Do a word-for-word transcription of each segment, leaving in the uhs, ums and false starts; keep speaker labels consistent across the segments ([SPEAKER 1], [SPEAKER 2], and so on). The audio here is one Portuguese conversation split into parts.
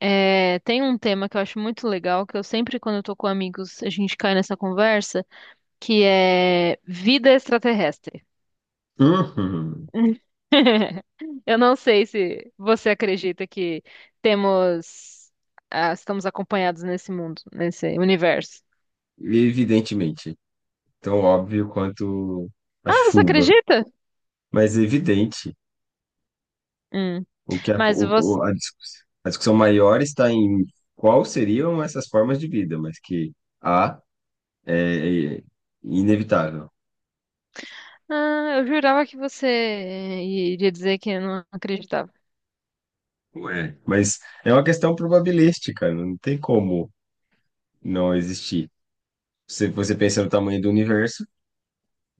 [SPEAKER 1] É, tem um tema que eu acho muito legal, que eu sempre, quando eu tô com amigos, a gente cai nessa conversa, que é vida extraterrestre.
[SPEAKER 2] Uhum.
[SPEAKER 1] Eu não sei se você acredita que temos, ah, estamos acompanhados nesse mundo, nesse universo.
[SPEAKER 2] Evidentemente, tão óbvio quanto a
[SPEAKER 1] Ah, você
[SPEAKER 2] chuva,
[SPEAKER 1] acredita?
[SPEAKER 2] mas evidente
[SPEAKER 1] Hum,
[SPEAKER 2] o que a,
[SPEAKER 1] mas
[SPEAKER 2] o-
[SPEAKER 1] você,
[SPEAKER 2] o- a discuss- a discussão maior está em qual seriam essas formas de vida, mas que há é, é inevitável.
[SPEAKER 1] ah, eu jurava que você iria dizer que não acreditava.
[SPEAKER 2] Ué. Mas é uma questão probabilística, não tem como não existir. Se você pensa no tamanho do universo,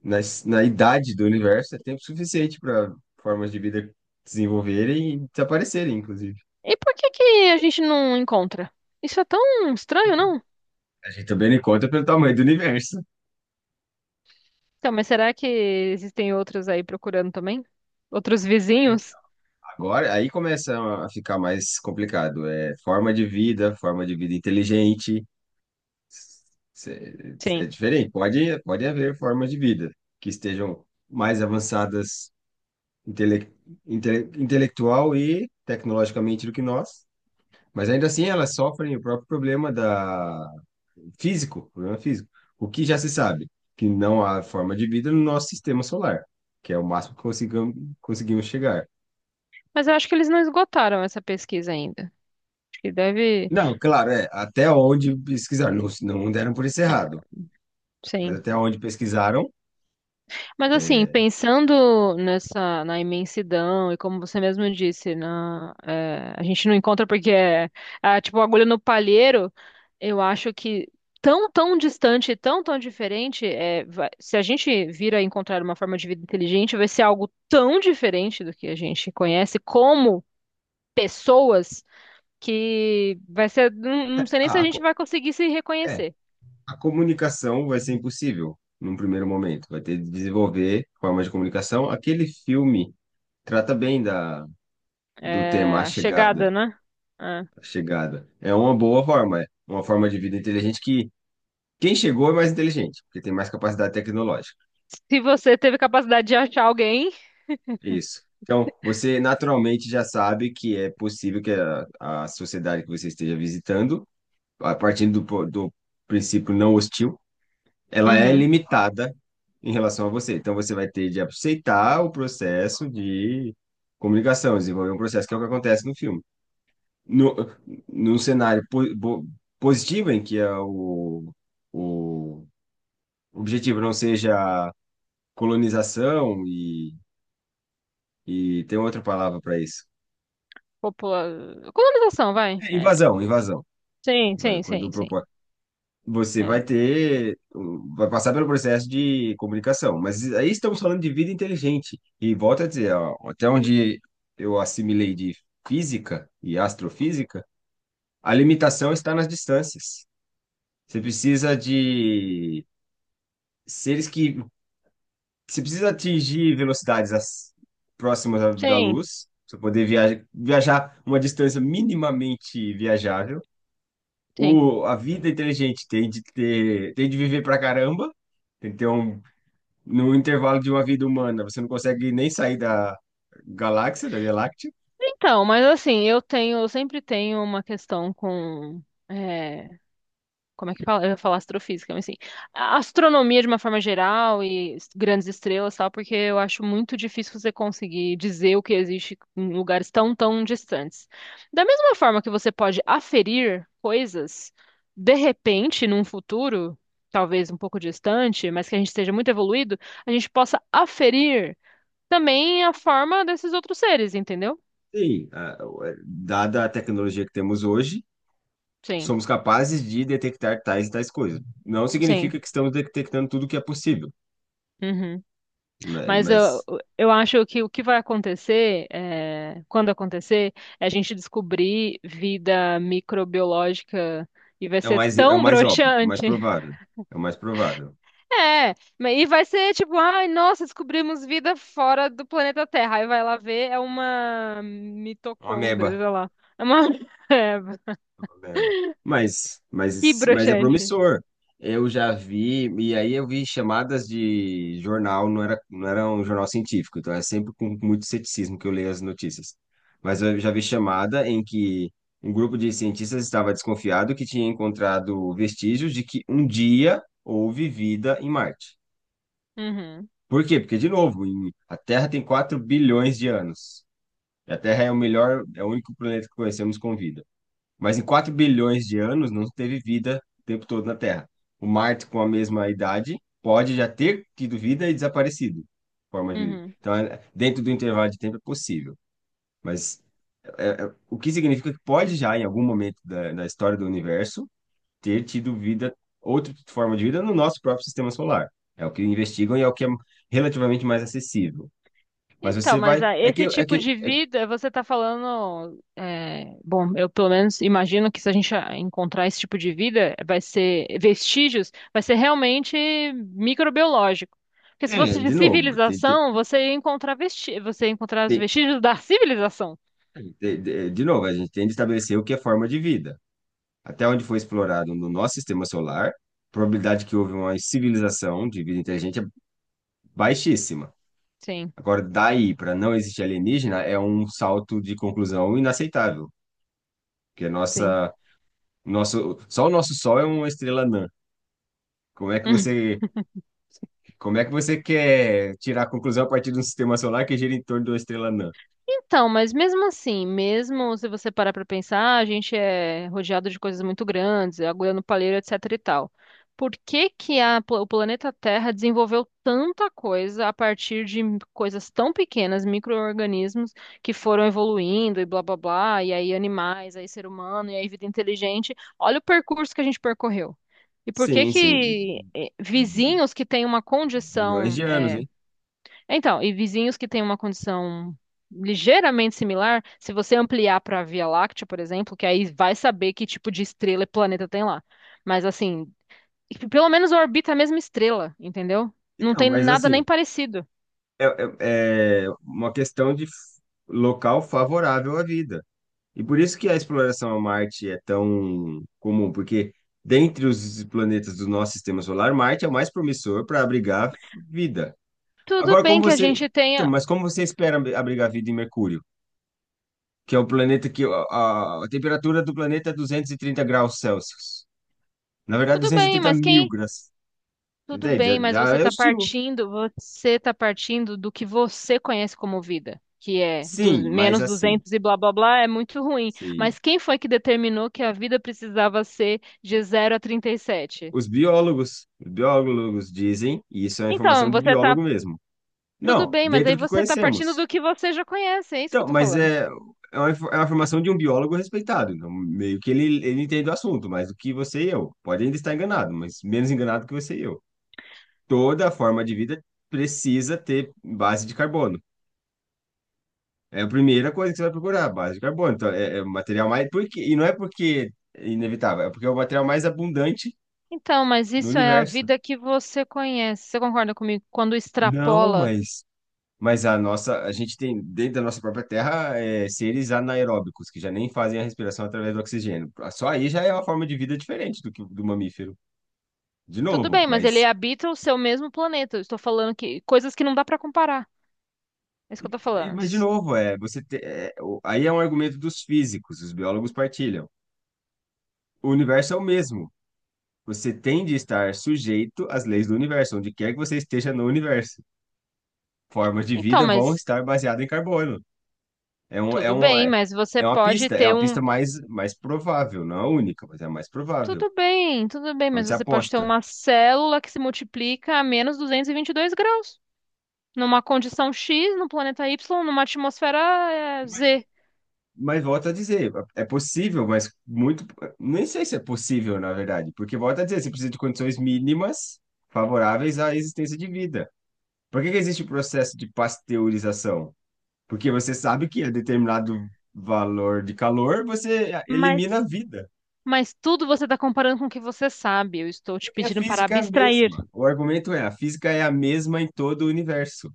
[SPEAKER 2] na, es- na idade do universo, é tempo suficiente para formas de vida desenvolverem e desaparecerem, inclusive.
[SPEAKER 1] E por que que a gente não encontra? Isso é tão estranho, não?
[SPEAKER 2] A gente também não conta pelo tamanho do universo.
[SPEAKER 1] Então, mas será que existem outros aí procurando também? Outros vizinhos?
[SPEAKER 2] Agora, aí começa a ficar mais complicado. É forma de vida, forma de vida inteligente. Cê- É
[SPEAKER 1] Sim.
[SPEAKER 2] diferente. Pode, pode haver formas de vida que estejam mais avançadas intele, intele- intelectual e tecnologicamente do que nós, mas ainda assim elas sofrem o próprio problema da físico, problema físico. O que já se sabe, que não há forma de vida no nosso sistema solar, que é o máximo que consigam- conseguimos chegar.
[SPEAKER 1] Mas eu acho que eles não esgotaram essa pesquisa ainda. Acho que deve,
[SPEAKER 2] Não, claro, é, até onde pesquisaram, não, não deram por isso errado, mas
[SPEAKER 1] sim.
[SPEAKER 2] até onde pesquisaram.
[SPEAKER 1] Mas assim,
[SPEAKER 2] é,
[SPEAKER 1] pensando nessa, na imensidão e como você mesmo disse, na, é, a gente não encontra porque é, é tipo agulha no palheiro. Eu acho que tão, tão distante, tão, tão diferente, é, vai- se a gente vir a encontrar uma forma de vida inteligente, vai ser algo tão diferente do que a gente conhece, como pessoas que vai ser. Não, não sei nem se
[SPEAKER 2] a,
[SPEAKER 1] a
[SPEAKER 2] a
[SPEAKER 1] gente
[SPEAKER 2] co-
[SPEAKER 1] vai conseguir se
[SPEAKER 2] é,
[SPEAKER 1] reconhecer.
[SPEAKER 2] a comunicação vai ser impossível num primeiro momento, vai ter de desenvolver formas de comunicação. Aquele filme trata bem da, do
[SPEAKER 1] É,
[SPEAKER 2] tema A
[SPEAKER 1] a chegada,
[SPEAKER 2] Chegada,
[SPEAKER 1] né? É.
[SPEAKER 2] A Chegada. É uma boa forma, é uma forma de vida inteligente que quem chegou é mais inteligente, porque tem mais capacidade tecnológica.
[SPEAKER 1] Se você teve capacidade de achar alguém.
[SPEAKER 2] É isso. Então, você naturalmente já sabe que é possível que a, a sociedade que você esteja visitando a partir do, po- do princípio não hostil, ela é
[SPEAKER 1] Uhum.
[SPEAKER 2] limitada em relação a você. Então você vai ter de aceitar o processo de comunicação, desenvolver um processo que é o que acontece no filme. No, Num cenário po, bo- positivo em que é o, o objetivo não seja colonização e, e tem outra palavra para isso.
[SPEAKER 1] Popula... colonização, vai.
[SPEAKER 2] É
[SPEAKER 1] É.
[SPEAKER 2] invasão, invasão.
[SPEAKER 1] Sim, sim,
[SPEAKER 2] Quando
[SPEAKER 1] sim, sim.
[SPEAKER 2] propõe, você
[SPEAKER 1] É.
[SPEAKER 2] vai ter, vai passar pelo processo de comunicação. Mas aí estamos falando de vida inteligente. E volto a dizer, ó, até onde eu assimilei de física e astrofísica, a limitação está nas distâncias. Você precisa de seres que. Você precisa atingir velocidades as- próximas da da
[SPEAKER 1] Sim,
[SPEAKER 2] luz, para poder viaja- viajar uma distância minimamente viajável.
[SPEAKER 1] sim.
[SPEAKER 2] O, a vida inteligente tem de ter, tem de viver pra caramba, tem que ter um no intervalo de uma vida humana, você não consegue nem sair da galáxia, da Via Láctea?
[SPEAKER 1] Então, mas assim, eu tenho, eu sempre tenho uma questão com. é, Como é que fala? Eu ia falar astrofísica, mas assim, a astronomia de uma forma geral e s- grandes estrelas, e tal, porque eu acho muito difícil você conseguir dizer o que existe em lugares tão, tão distantes. Da mesma forma que você pode aferir coisas, de repente, num futuro, talvez um pouco distante, mas que a gente esteja muito evoluído, a gente possa aferir também a forma desses outros seres, entendeu?
[SPEAKER 2] Sim, a- o- é, dada a tecnologia que temos hoje,
[SPEAKER 1] Sim,
[SPEAKER 2] somos capazes de detectar tais e tais coisas. Não
[SPEAKER 1] sim.
[SPEAKER 2] significa que estamos detectando tudo que é possível,
[SPEAKER 1] Uhum.
[SPEAKER 2] ma-
[SPEAKER 1] Mas eu,
[SPEAKER 2] mas
[SPEAKER 1] eu acho que o que vai acontecer, é, quando acontecer, é a gente descobrir vida microbiológica e vai
[SPEAKER 2] é o
[SPEAKER 1] ser
[SPEAKER 2] mais, é o
[SPEAKER 1] tão
[SPEAKER 2] mais óbvio, o
[SPEAKER 1] broxante.
[SPEAKER 2] mais provável. É o mais provável.
[SPEAKER 1] É, ma- e vai ser tipo, ai, nossa, descobrimos vida fora do planeta Terra. Aí vai lá ver, é uma
[SPEAKER 2] É uma
[SPEAKER 1] mitocôndria,
[SPEAKER 2] ameba.
[SPEAKER 1] sei lá. É uma. É,
[SPEAKER 2] Lembro. Mas,
[SPEAKER 1] que
[SPEAKER 2] mas, mas é
[SPEAKER 1] broxante.
[SPEAKER 2] promissor. Eu já vi, e aí eu vi chamadas de jornal, não era, não era um jornal científico, então é sempre com muito ceticismo que eu leio as notícias. Mas eu já vi chamada em que um grupo de cientistas estava desconfiado que tinha encontrado vestígios de que um dia houve vida em Marte.
[SPEAKER 1] Uhum,
[SPEAKER 2] Por quê? Porque, de novo, em- a Terra tem quatro bilhões de anos. E a Terra é o melhor, é o único planeta que conhecemos com vida. Mas em quatro bilhões de anos não teve vida o tempo todo na Terra. O Marte, com a mesma idade, pode já ter tido vida e desaparecido, forma de vida.
[SPEAKER 1] uhum.
[SPEAKER 2] Então, é- dentro do intervalo de tempo é possível. Mas é, é, o que significa que pode já, em algum momento da, da história do universo, ter tido vida, outra forma de vida no nosso próprio sistema solar. É o que investigam e é o que é relativamente mais acessível. Mas
[SPEAKER 1] Então,
[SPEAKER 2] você
[SPEAKER 1] mas
[SPEAKER 2] vai.
[SPEAKER 1] ah,
[SPEAKER 2] É que,
[SPEAKER 1] esse
[SPEAKER 2] é
[SPEAKER 1] tipo
[SPEAKER 2] que,
[SPEAKER 1] de
[SPEAKER 2] é,
[SPEAKER 1] vida, você está falando, é, bom, eu pelo menos imagino que se a gente ah, encontrar esse tipo de vida, vai ser vestígios, vai ser realmente microbiológico. Porque se
[SPEAKER 2] é,
[SPEAKER 1] fosse de
[SPEAKER 2] de novo, tem, tem-
[SPEAKER 1] civilização, você ia encontrar vesti, você ia encontrar os
[SPEAKER 2] tem-
[SPEAKER 1] vestígios da civilização.
[SPEAKER 2] De, de, de novo, a gente tem de estabelecer o que é forma de vida. Até onde foi explorado no nosso sistema solar, a probabilidade que houve uma civilização de vida inteligente é baixíssima.
[SPEAKER 1] Sim,
[SPEAKER 2] Agora, daí para não existir alienígena é um salto de conclusão inaceitável, porque a
[SPEAKER 1] sim.
[SPEAKER 2] nossa, nosso, só o nosso Sol é uma estrela anã. Como é que você, como é que você quer tirar a conclusão a partir de um sistema solar que gira em torno de uma estrela anã?
[SPEAKER 1] Então, mas mesmo assim, mesmo se você parar pra pensar, a gente é rodeado de coisas muito grandes, agulha no palheiro, etc e tal. Por que que a pla- o planeta Terra desenvolveu tanta coisa a partir de coisas tão pequenas, micro-organismos que foram evoluindo e blá blá blá, e aí animais, aí ser humano, e aí vida inteligente? Olha o percurso que a gente percorreu. E por que
[SPEAKER 2] Sim, sim, e-
[SPEAKER 1] que eh,
[SPEAKER 2] e
[SPEAKER 1] vizinhos que têm uma
[SPEAKER 2] milhões
[SPEAKER 1] condição
[SPEAKER 2] de anos,
[SPEAKER 1] eh,
[SPEAKER 2] hein?
[SPEAKER 1] então, e vizinhos que têm uma condição ligeiramente similar, se você ampliar para a Via Láctea, por exemplo, que aí vai saber que tipo de estrela e planeta tem lá. Mas assim, pelo menos orbita a mesma estrela, entendeu? Não
[SPEAKER 2] Então,
[SPEAKER 1] tem
[SPEAKER 2] mas
[SPEAKER 1] nada nem
[SPEAKER 2] assim,
[SPEAKER 1] parecido.
[SPEAKER 2] é, é- é uma questão de f- local favorável à vida. E por isso que a exploração a Marte é tão comum, porque dentre os planetas do nosso sistema solar, Marte é o mais promissor para abrigar vida.
[SPEAKER 1] Tudo
[SPEAKER 2] Agora,
[SPEAKER 1] bem
[SPEAKER 2] como
[SPEAKER 1] que a
[SPEAKER 2] você.
[SPEAKER 1] gente
[SPEAKER 2] Então,
[SPEAKER 1] tenha.
[SPEAKER 2] mas como você espera ab- abrigar vida em Mercúrio, que é o planeta que. A, a temperatura do planeta é duzentos e trinta graus Celsius graus Celsius. Na verdade,
[SPEAKER 1] Tudo bem, mas quem
[SPEAKER 2] duzentos e trinta mil graus mil
[SPEAKER 1] Tudo
[SPEAKER 2] graus. Entende?
[SPEAKER 1] bem, mas
[SPEAKER 2] Já, já
[SPEAKER 1] você
[SPEAKER 2] é
[SPEAKER 1] está
[SPEAKER 2] hostil.
[SPEAKER 1] partindo, você está partindo do que você conhece como vida, que é du-
[SPEAKER 2] Sim, mas
[SPEAKER 1] menos
[SPEAKER 2] assim.
[SPEAKER 1] duzentos e blá blá blá, é muito ruim.
[SPEAKER 2] Sim.
[SPEAKER 1] Mas quem foi que determinou que a vida precisava ser de zero a trinta e sete?
[SPEAKER 2] Os biólogos, os biólogos dizem, e isso é uma
[SPEAKER 1] Então,
[SPEAKER 2] informação de
[SPEAKER 1] você está
[SPEAKER 2] biólogo mesmo.
[SPEAKER 1] Tudo
[SPEAKER 2] Não,
[SPEAKER 1] bem, mas aí
[SPEAKER 2] dentro do que
[SPEAKER 1] você está partindo
[SPEAKER 2] conhecemos.
[SPEAKER 1] do que você já conhece, é isso que eu
[SPEAKER 2] Então,
[SPEAKER 1] estou
[SPEAKER 2] mas
[SPEAKER 1] falando.
[SPEAKER 2] é, é uma, infor- é uma informação de um biólogo respeitado. Então, meio que ele, ele entende o assunto, mais do que você e eu. Pode ainda estar enganado, mas menos enganado que você e eu. Toda forma de vida precisa ter base de carbono. É a primeira coisa que você vai procurar, base de carbono. Então, é, é o material mais. Por quê? E não é porque é inevitável, é porque é o material mais abundante
[SPEAKER 1] Então, mas
[SPEAKER 2] no
[SPEAKER 1] isso é a
[SPEAKER 2] universo.
[SPEAKER 1] vida que você conhece. Você concorda comigo? Quando
[SPEAKER 2] Não,
[SPEAKER 1] extrapola,
[SPEAKER 2] mas Mas a nossa, a gente tem dentro da nossa própria terra é, seres anaeróbicos que já nem fazem a respiração através do oxigênio. Só aí já é uma forma de vida diferente do que do mamífero. De
[SPEAKER 1] tudo
[SPEAKER 2] novo,
[SPEAKER 1] bem, mas ele
[SPEAKER 2] mas
[SPEAKER 1] habita o seu mesmo planeta. Eu estou falando que coisas que não dá para comparar. É isso que eu tô
[SPEAKER 2] é,
[SPEAKER 1] falando.
[SPEAKER 2] mas de novo é você te- é, o- aí é um argumento dos físicos, os biólogos partilham. O universo é o mesmo. Você tem de estar sujeito às leis do universo, onde quer que você esteja no universo. Formas de
[SPEAKER 1] Então,
[SPEAKER 2] vida vão
[SPEAKER 1] mas
[SPEAKER 2] estar baseadas em carbono. É um, é
[SPEAKER 1] tudo
[SPEAKER 2] um,
[SPEAKER 1] bem,
[SPEAKER 2] é
[SPEAKER 1] mas você
[SPEAKER 2] é uma
[SPEAKER 1] pode
[SPEAKER 2] pista, é
[SPEAKER 1] ter
[SPEAKER 2] uma
[SPEAKER 1] um.
[SPEAKER 2] pista mais, mais provável, não é a única, mas é a mais provável.
[SPEAKER 1] Tudo bem, tudo bem, mas
[SPEAKER 2] Onde se
[SPEAKER 1] você pode ter
[SPEAKER 2] aposta.
[SPEAKER 1] uma célula que se multiplica a menos duzentos e e vinte e dois graus, numa condição X, no planeta Y, numa atmosfera eh,
[SPEAKER 2] Mas,
[SPEAKER 1] Z.
[SPEAKER 2] mas volto a dizer, é possível, mas muito. Nem sei se é possível, na verdade, porque volto a dizer, você precisa de condições mínimas favoráveis à existência de vida. Por que que existe o processo de pasteurização? Porque você sabe que a determinado valor de calor você elimina a
[SPEAKER 1] Mas,
[SPEAKER 2] vida.
[SPEAKER 1] mas tudo você está comparando com o que você sabe. Eu estou te
[SPEAKER 2] Porque a
[SPEAKER 1] pedindo para
[SPEAKER 2] física é a
[SPEAKER 1] abstrair.
[SPEAKER 2] mesma. O argumento é, a física é a mesma em todo o universo.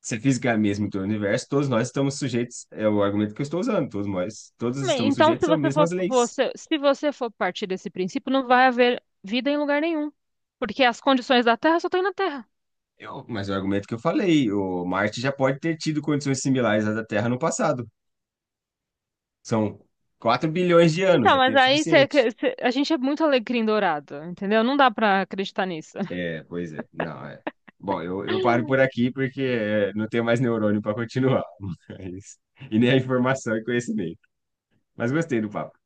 [SPEAKER 2] Se a física é a mesma em todo o universo, todos nós estamos sujeitos, é o argumento que eu estou usando, todos nós, todos
[SPEAKER 1] Bem,
[SPEAKER 2] estamos
[SPEAKER 1] então, se
[SPEAKER 2] sujeitos às
[SPEAKER 1] você for,
[SPEAKER 2] mesmas leis.
[SPEAKER 1] você- se você for partir desse princípio, não vai haver vida em lugar nenhum, porque as condições da Terra só tem na Terra.
[SPEAKER 2] Eu- mas é o argumento que eu falei, o Marte já pode ter tido condições similares às da Terra no passado. São quatro bilhões de anos,
[SPEAKER 1] Então,
[SPEAKER 2] é
[SPEAKER 1] mas
[SPEAKER 2] tempo
[SPEAKER 1] aí cê-
[SPEAKER 2] suficiente.
[SPEAKER 1] cê- a gente é muito alecrim dourado, entendeu? Não dá pra acreditar nisso.
[SPEAKER 2] É, pois é. Não, é. Bom, eu, eu paro por aqui porque é, não tenho mais neurônio para continuar. Mas- e nem a informação e conhecimento. Mas gostei do papo.